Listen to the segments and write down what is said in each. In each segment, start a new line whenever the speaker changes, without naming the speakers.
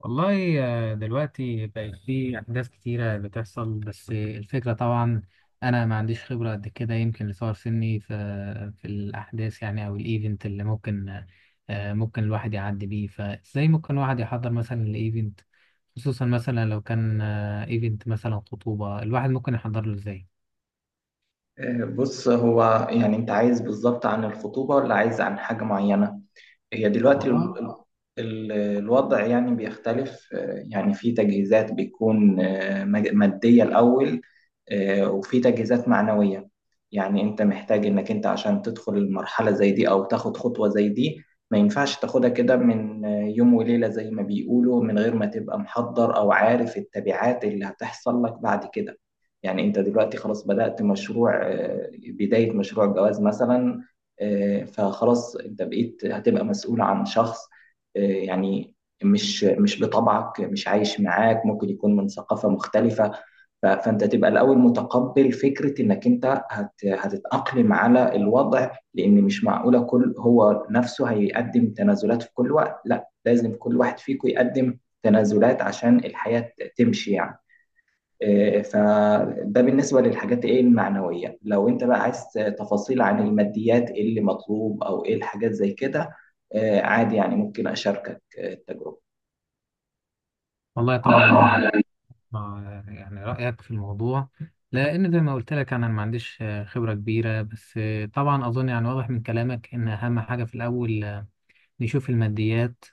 والله آه، دلوقتي بقت في أحداث كتيرة بتحصل، بس الفكرة طبعا أنا ما عنديش خبرة قد كده، يمكن لصغر سني في الأحداث يعني أو الإيفنت اللي ممكن ممكن الواحد يعدي بيه. فإزاي ممكن الواحد يحضر مثلا الإيفنت، خصوصا مثلا لو كان إيفنت مثلا خطوبة؟ الواحد ممكن يحضر له إزاي؟
بص، هو يعني انت عايز بالظبط عن الخطوبة ولا عايز عن حاجة معينة؟ هي دلوقتي
والله
الوضع يعني بيختلف، يعني في تجهيزات بتكون مادية الأول، وفي تجهيزات معنوية. يعني أنت محتاج إنك أنت عشان تدخل المرحلة زي دي أو تاخد خطوة زي دي ما ينفعش تاخدها كده من يوم وليلة زي ما بيقولوا، من غير ما تبقى محضر أو عارف التبعات اللي هتحصل لك بعد كده. يعني أنت دلوقتي خلاص بدأت مشروع، بداية مشروع جواز مثلا، فخلاص انت بقيت هتبقى مسؤول عن شخص، يعني مش بطبعك، مش عايش معاك، ممكن يكون من ثقافة مختلفة. فانت تبقى الاول متقبل فكرة انك انت هتتأقلم على الوضع، لان مش معقولة كل هو نفسه هيقدم تنازلات في كل وقت، لا، لازم كل واحد فيكم يقدم تنازلات عشان الحياة تمشي يعني. فده بالنسبة للحاجات ايه المعنوية، لو انت بقى عايز تفاصيل عن الماديات ايه اللي مطلوب او ايه الحاجات زي كده، عادي، يعني ممكن اشاركك
والله طبعا يعني،
التجربة.
ما يعني رأيك في الموضوع؟ لأن زي ما قلت لك أنا ما عنديش خبرة كبيرة، بس طبعا أظن يعني واضح من كلامك إن أهم حاجة في الأول نشوف الماديات.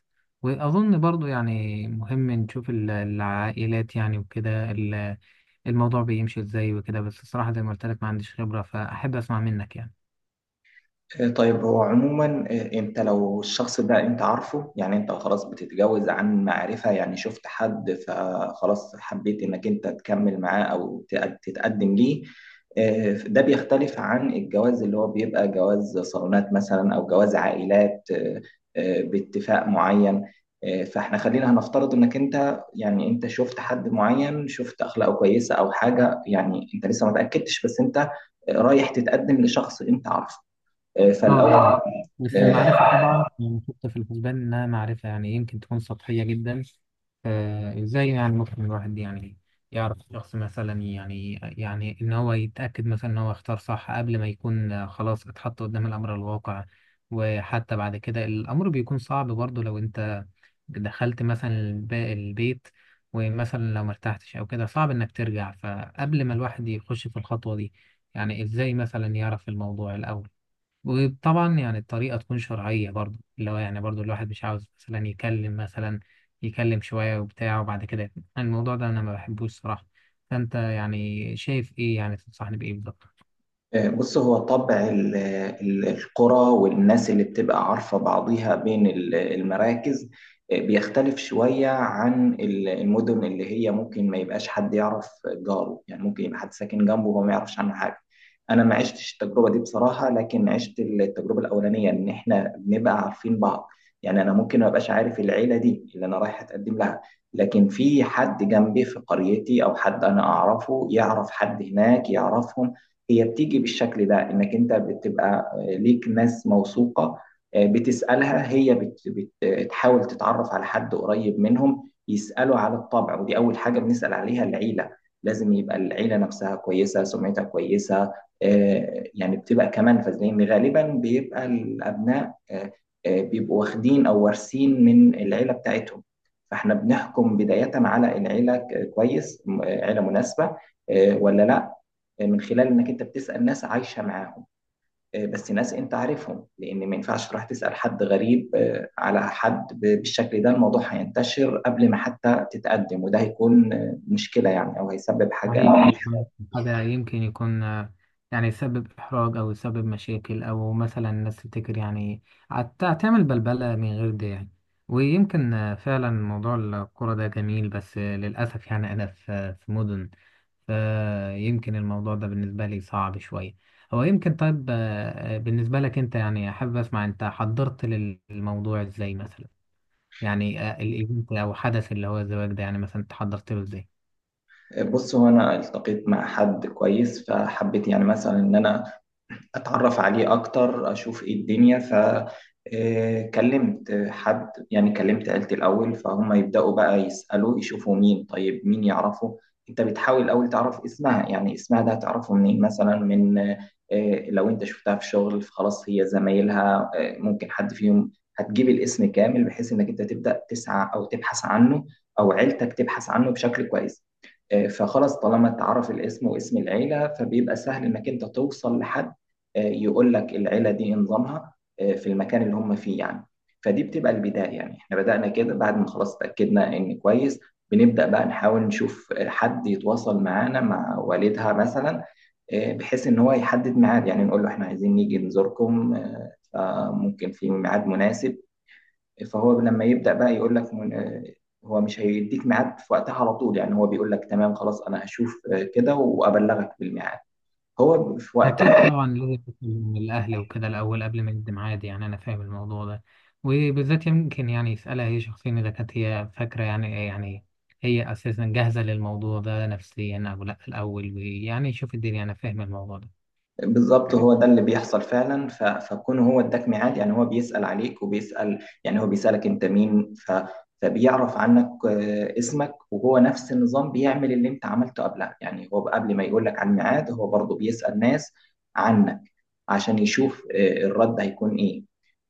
وأظن برضو يعني مهم نشوف العائلات يعني، وكده الموضوع بيمشي إزاي وكده. بس الصراحة زي ما قلت لك ما عنديش خبرة، فأحب أسمع منك يعني.
طيب، هو عموما، انت لو الشخص ده انت عارفه، يعني انت خلاص بتتجوز عن معرفة، يعني شفت حد فخلاص حبيت انك انت تكمل معاه او تتقدم ليه، ده بيختلف عن الجواز اللي هو بيبقى جواز صالونات مثلا او جواز عائلات، باتفاق معين. فاحنا خلينا هنفترض انك انت، يعني انت شفت حد معين، شفت اخلاقه كويسة او حاجة، يعني انت لسه ما تأكدتش بس انت رايح تتقدم لشخص انت عارفه،
اه
فالاول،
جميل. بس المعرفة طبعا يعني حتى في الحسبان إنها معرفة يعني إيه، يمكن تكون سطحية جدا. فإزاي يعني ممكن الواحد يعني يعرف شخص مثلا، يعني يعني إن هو يتأكد مثلا إن هو اختار صح قبل ما يكون خلاص اتحط قدام الأمر الواقع؟ وحتى بعد كده الأمر بيكون صعب برضه لو أنت دخلت مثلا البيت، ومثلا لو مرتحتش أو كده صعب إنك ترجع. فقبل ما الواحد يخش في الخطوة دي، يعني إزاي مثلا يعرف الموضوع الأول؟ وطبعا يعني الطريقة تكون شرعية برضو، اللي هو يعني برضو الواحد مش عاوز مثلا يكلم شوية وبتاع وبعد كده يقفل. الموضوع ده أنا ما بحبوش صراحة. فأنت يعني شايف إيه؟ يعني تنصحني بإيه بالظبط؟
بص، هو طبع القرى والناس اللي بتبقى عارفة بعضيها بين المراكز بيختلف شوية عن المدن اللي هي ممكن ما يبقاش حد يعرف جاره، يعني ممكن يبقى حد ساكن جنبه وما يعرفش عنه حاجة. أنا ما عشتش التجربة دي بصراحة، لكن عشت التجربة الأولانية إن إحنا بنبقى عارفين بعض. يعني أنا ممكن ما أبقاش عارف العيلة دي اللي أنا رايح أتقدم لها، لكن في حد جنبي في قريتي أو حد أنا أعرفه يعرف حد هناك يعرفهم. هي بتيجي بالشكل ده، انك انت بتبقى ليك ناس موثوقة، بتسألها، هي بتحاول تتعرف على حد قريب منهم يسألوا على الطبع، ودي أول حاجة بنسأل عليها، العيلة. لازم يبقى العيلة نفسها كويسة، سمعتها كويسة، يعني بتبقى كمان لأن غالبا بيبقى الأبناء، بيبقوا واخدين أو وارثين من العيلة بتاعتهم. فاحنا بنحكم بداية على العيلة كويس، عيلة مناسبة ولا لا، من خلال انك انت بتسال ناس عايشه معاهم، بس ناس انت عارفهم، لان ما ينفعش تروح تسال حد غريب على حد بالشكل ده، الموضوع هينتشر قبل ما حتى تتقدم، وده هيكون مشكله يعني، او هيسبب حاجه
صحيح
آه،
أيضاً، هذا يمكن يكون يعني يسبب إحراج أو يسبب مشاكل، أو مثلا الناس تفتكر يعني تعمل بلبلة من غير ده يعني. ويمكن فعلا موضوع الكرة ده جميل، بس للأسف يعني أنا في مدن، فيمكن الموضوع ده بالنسبة لي صعب شوية. هو يمكن طيب، بالنسبة لك أنت يعني أحب أسمع، أنت حضرت للموضوع إزاي مثلا؟ يعني الإيفنت أو حدث اللي هو الزواج ده، يعني مثلا أنت حضرت له إزاي؟
بص، هو انا التقيت مع حد كويس فحبيت يعني مثلا ان انا اتعرف عليه اكتر، اشوف ايه الدنيا، ف آه، كلمت حد، يعني كلمت عيلتي الاول فهم يبداوا بقى يسالوا يشوفوا مين، طيب، مين يعرفه. انت بتحاول الاول تعرف اسمها، يعني اسمها ده هتعرفه منين مثلا، من لو انت شفتها في شغل فخلاص هي زمايلها ممكن حد فيهم. هتجيب الاسم كامل بحيث انك انت تبدا تسعى او تبحث عنه، او عيلتك تبحث عنه بشكل كويس. فخلاص طالما اتعرف الاسم واسم العيلة، فبيبقى سهل انك انت توصل لحد يقول لك العيلة دي إيه نظامها في المكان اللي هم فيه يعني. فدي بتبقى البداية، يعني احنا بدأنا كده بعد ما خلاص اتأكدنا ان كويس، بنبدأ بقى نحاول نشوف حد يتواصل معانا، مع والدها مثلا، بحيث ان هو يحدد ميعاد، يعني نقول له احنا عايزين نيجي نزوركم، فممكن في ميعاد مناسب. فهو لما يبدأ بقى يقول لك، هو مش هيديك ميعاد في وقتها على طول، يعني هو بيقول لك تمام خلاص انا هشوف كده وابلغك بالميعاد هو في
أكيد
وقتها.
طبعا لازم يكون الأهل وكده الأول قبل ما يقدم عادي، يعني أنا فاهم الموضوع ده. وبالذات يمكن يعني يسألها هي شخصيا إذا كانت هي فاكرة يعني إيه، يعني هي أساسا جاهزة للموضوع ده نفسيا أو لأ في الأول، ويعني يشوف الدنيا. أنا فاهم الموضوع ده.
بالظبط هو ده اللي بيحصل فعلا، فكون هو اداك ميعاد، يعني هو بيسأل عليك وبيسأل، يعني هو بيسألك انت مين، فبيعرف عنك اسمك، وهو نفس النظام بيعمل اللي انت عملته قبلها، يعني هو قبل ما يقول لك على الميعاد هو برضه بيسأل ناس عنك عشان يشوف الرد هيكون ايه.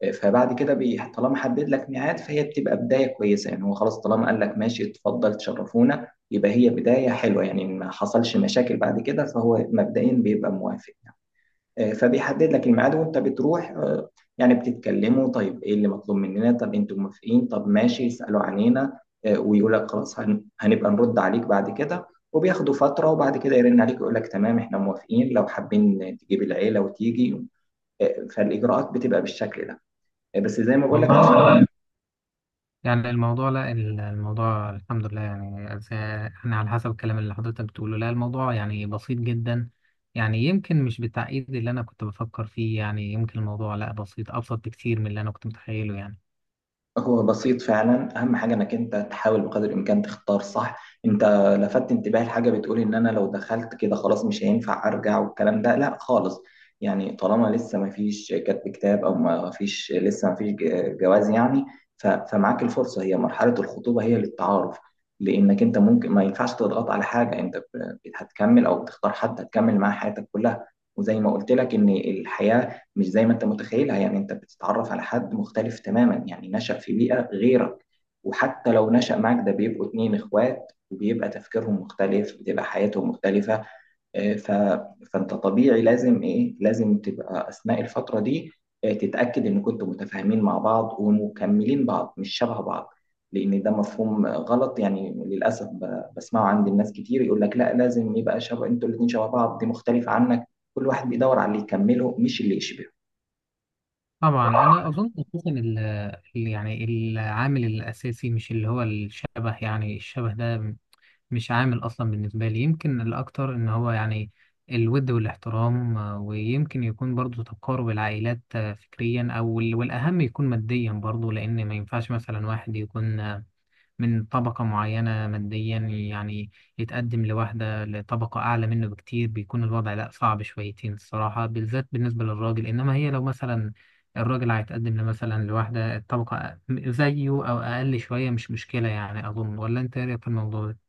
فبعد كده طالما حدد لك ميعاد، فهي بتبقى بداية كويسة، يعني هو خلاص طالما قال لك ماشي اتفضل تشرفونا يبقى هي بداية حلوة، يعني ما حصلش مشاكل بعد كده فهو مبدئيا بيبقى موافق. فبيحدد لك الميعاد وانت بتروح، يعني بتتكلموا، طيب ايه اللي مطلوب مننا، طب انتوا موافقين، طب ماشي يسألوا عنينا، ويقول لك خلاص، هنبقى نرد عليك بعد كده، وبياخدوا فترة وبعد كده يرن عليك يقول لك تمام احنا موافقين لو حابين تجيب العيلة وتيجي. فالإجراءات بتبقى بالشكل ده، بس زي ما بقول لك
والله
عشان
يعني الموضوع لا، الموضوع الحمد لله يعني، زي- يعني على حسب الكلام اللي حضرتك بتقوله، لا الموضوع يعني بسيط جدا. يعني يمكن مش بالتعقيد اللي أنا كنت بفكر فيه، يعني يمكن الموضوع لا بسيط، أبسط بكتير من اللي أنا كنت متخيله يعني.
هو بسيط فعلا، اهم حاجه انك انت تحاول بقدر الامكان تختار صح. انت لفت انتباهي لحاجه، بتقول ان انا لو دخلت كده خلاص مش هينفع ارجع، والكلام ده لا خالص. يعني طالما لسه ما فيش كتب كتاب او ما فيش لسه ما فيش جواز يعني، فمعاك الفرصه، هي مرحله الخطوبه هي للتعارف، لانك انت ممكن ما ينفعش تضغط على حاجه انت هتكمل، او بتختار حد هتكمل معاه حياتك كلها. وزي ما قلت لك ان الحياه مش زي ما انت متخيلها، يعني انت بتتعرف على حد مختلف تماما، يعني نشأ في بيئة غيرك، وحتى لو نشأ معك ده بيبقوا اتنين اخوات وبيبقى تفكيرهم مختلف، بتبقى حياتهم مختلفة. آه، ف... فانت طبيعي لازم ايه، لازم تبقى اثناء الفترة دي تتأكد ان كنتوا متفاهمين مع بعض ومكملين بعض مش شبه بعض. لان ده مفهوم غلط يعني، للاسف بسمعه عند الناس كتير، يقول لك لا لازم يبقى شبه، انتوا الاتنين شبه بعض، دي مختلفة عنك. كل واحد بيدور على اللي يكمله مش اللي يشبهه.
طبعا انا اظن اساسا يعني العامل الاساسي مش اللي هو الشبه، يعني الشبه ده مش عامل اصلا بالنسبه لي. يمكن الاكتر ان هو يعني الود والاحترام، ويمكن يكون برضو تقارب العائلات فكريا او ال- والاهم يكون ماديا برضو، لان ما ينفعش مثلا واحد يكون من طبقة معينة ماديا يعني يتقدم لواحدة لطبقة أعلى منه بكتير. بيكون الوضع لأ صعب شويتين الصراحة، بالذات بالنسبة للراجل. إنما هي لو مثلا الراجل هيتقدم مثلا لواحدة الطبقة زيه أو أقل شوية مش مشكلة يعني أظن، ولا أنت إيه رأيك في الموضوع ده؟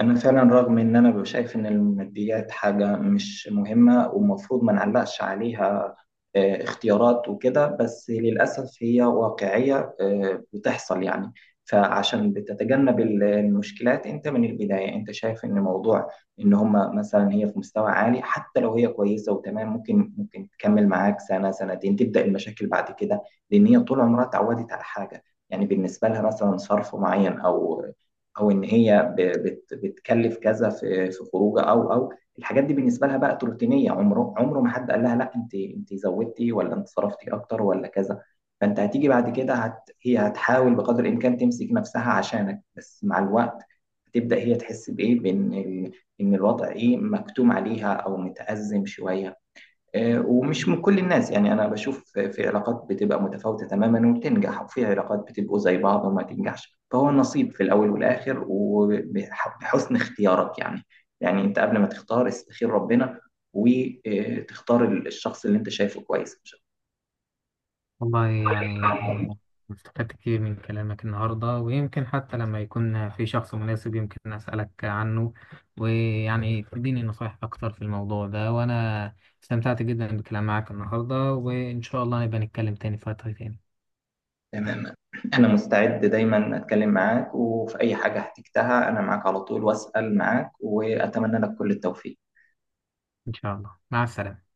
أنا فعلا رغم إن أنا ببقى شايف إن الماديات حاجة مش مهمة ومفروض ما نعلقش عليها اختيارات وكده، بس للأسف هي واقعية بتحصل يعني. فعشان بتتجنب المشكلات أنت من البداية، أنت شايف إن موضوع إن هما مثلا هي في مستوى عالي، حتى لو هي كويسة وتمام ممكن تكمل معاك سنة سنتين تبدأ المشاكل بعد كده. لأن هي طول عمرها اتعودت على حاجة، يعني بالنسبة لها مثلا صرف معين، أو او ان هي بتكلف كذا في خروجه، او الحاجات دي بالنسبه لها بقت روتينيه. عمره عمره ما حد قال لها لا، انت زودتي، ولا انت صرفتي اكتر، ولا كذا. فانت هتيجي بعد كده، هي هتحاول بقدر الامكان تمسك نفسها عشانك، بس مع الوقت هتبدا هي تحس بايه، بان ان الوضع ايه، مكتوم عليها او متأزم شويه. ومش من كل الناس، يعني أنا بشوف في علاقات بتبقى متفاوتة تماما وبتنجح، وفي علاقات بتبقوا زي بعض وما تنجحش، فهو النصيب في الأول والآخر وبحسن اختيارك يعني. يعني أنت قبل ما تختار استخير ربنا، وتختار الشخص اللي أنت شايفه كويس مش
والله يعني أنا استفدت كتير من كلامك النهاردة، ويمكن حتى لما يكون في شخص مناسب يمكن أسألك عنه ويعني تديني نصايح أكتر في الموضوع ده. وأنا استمتعت جدا بالكلام معك النهاردة، وإن شاء الله نبقى نتكلم تاني في وقت تاني.
تماما. أنا مستعد دايما أتكلم معاك، وفي أي حاجة احتجتها أنا معاك على طول، وأسأل معاك، وأتمنى لك كل التوفيق.
إن شاء الله، مع السلامة.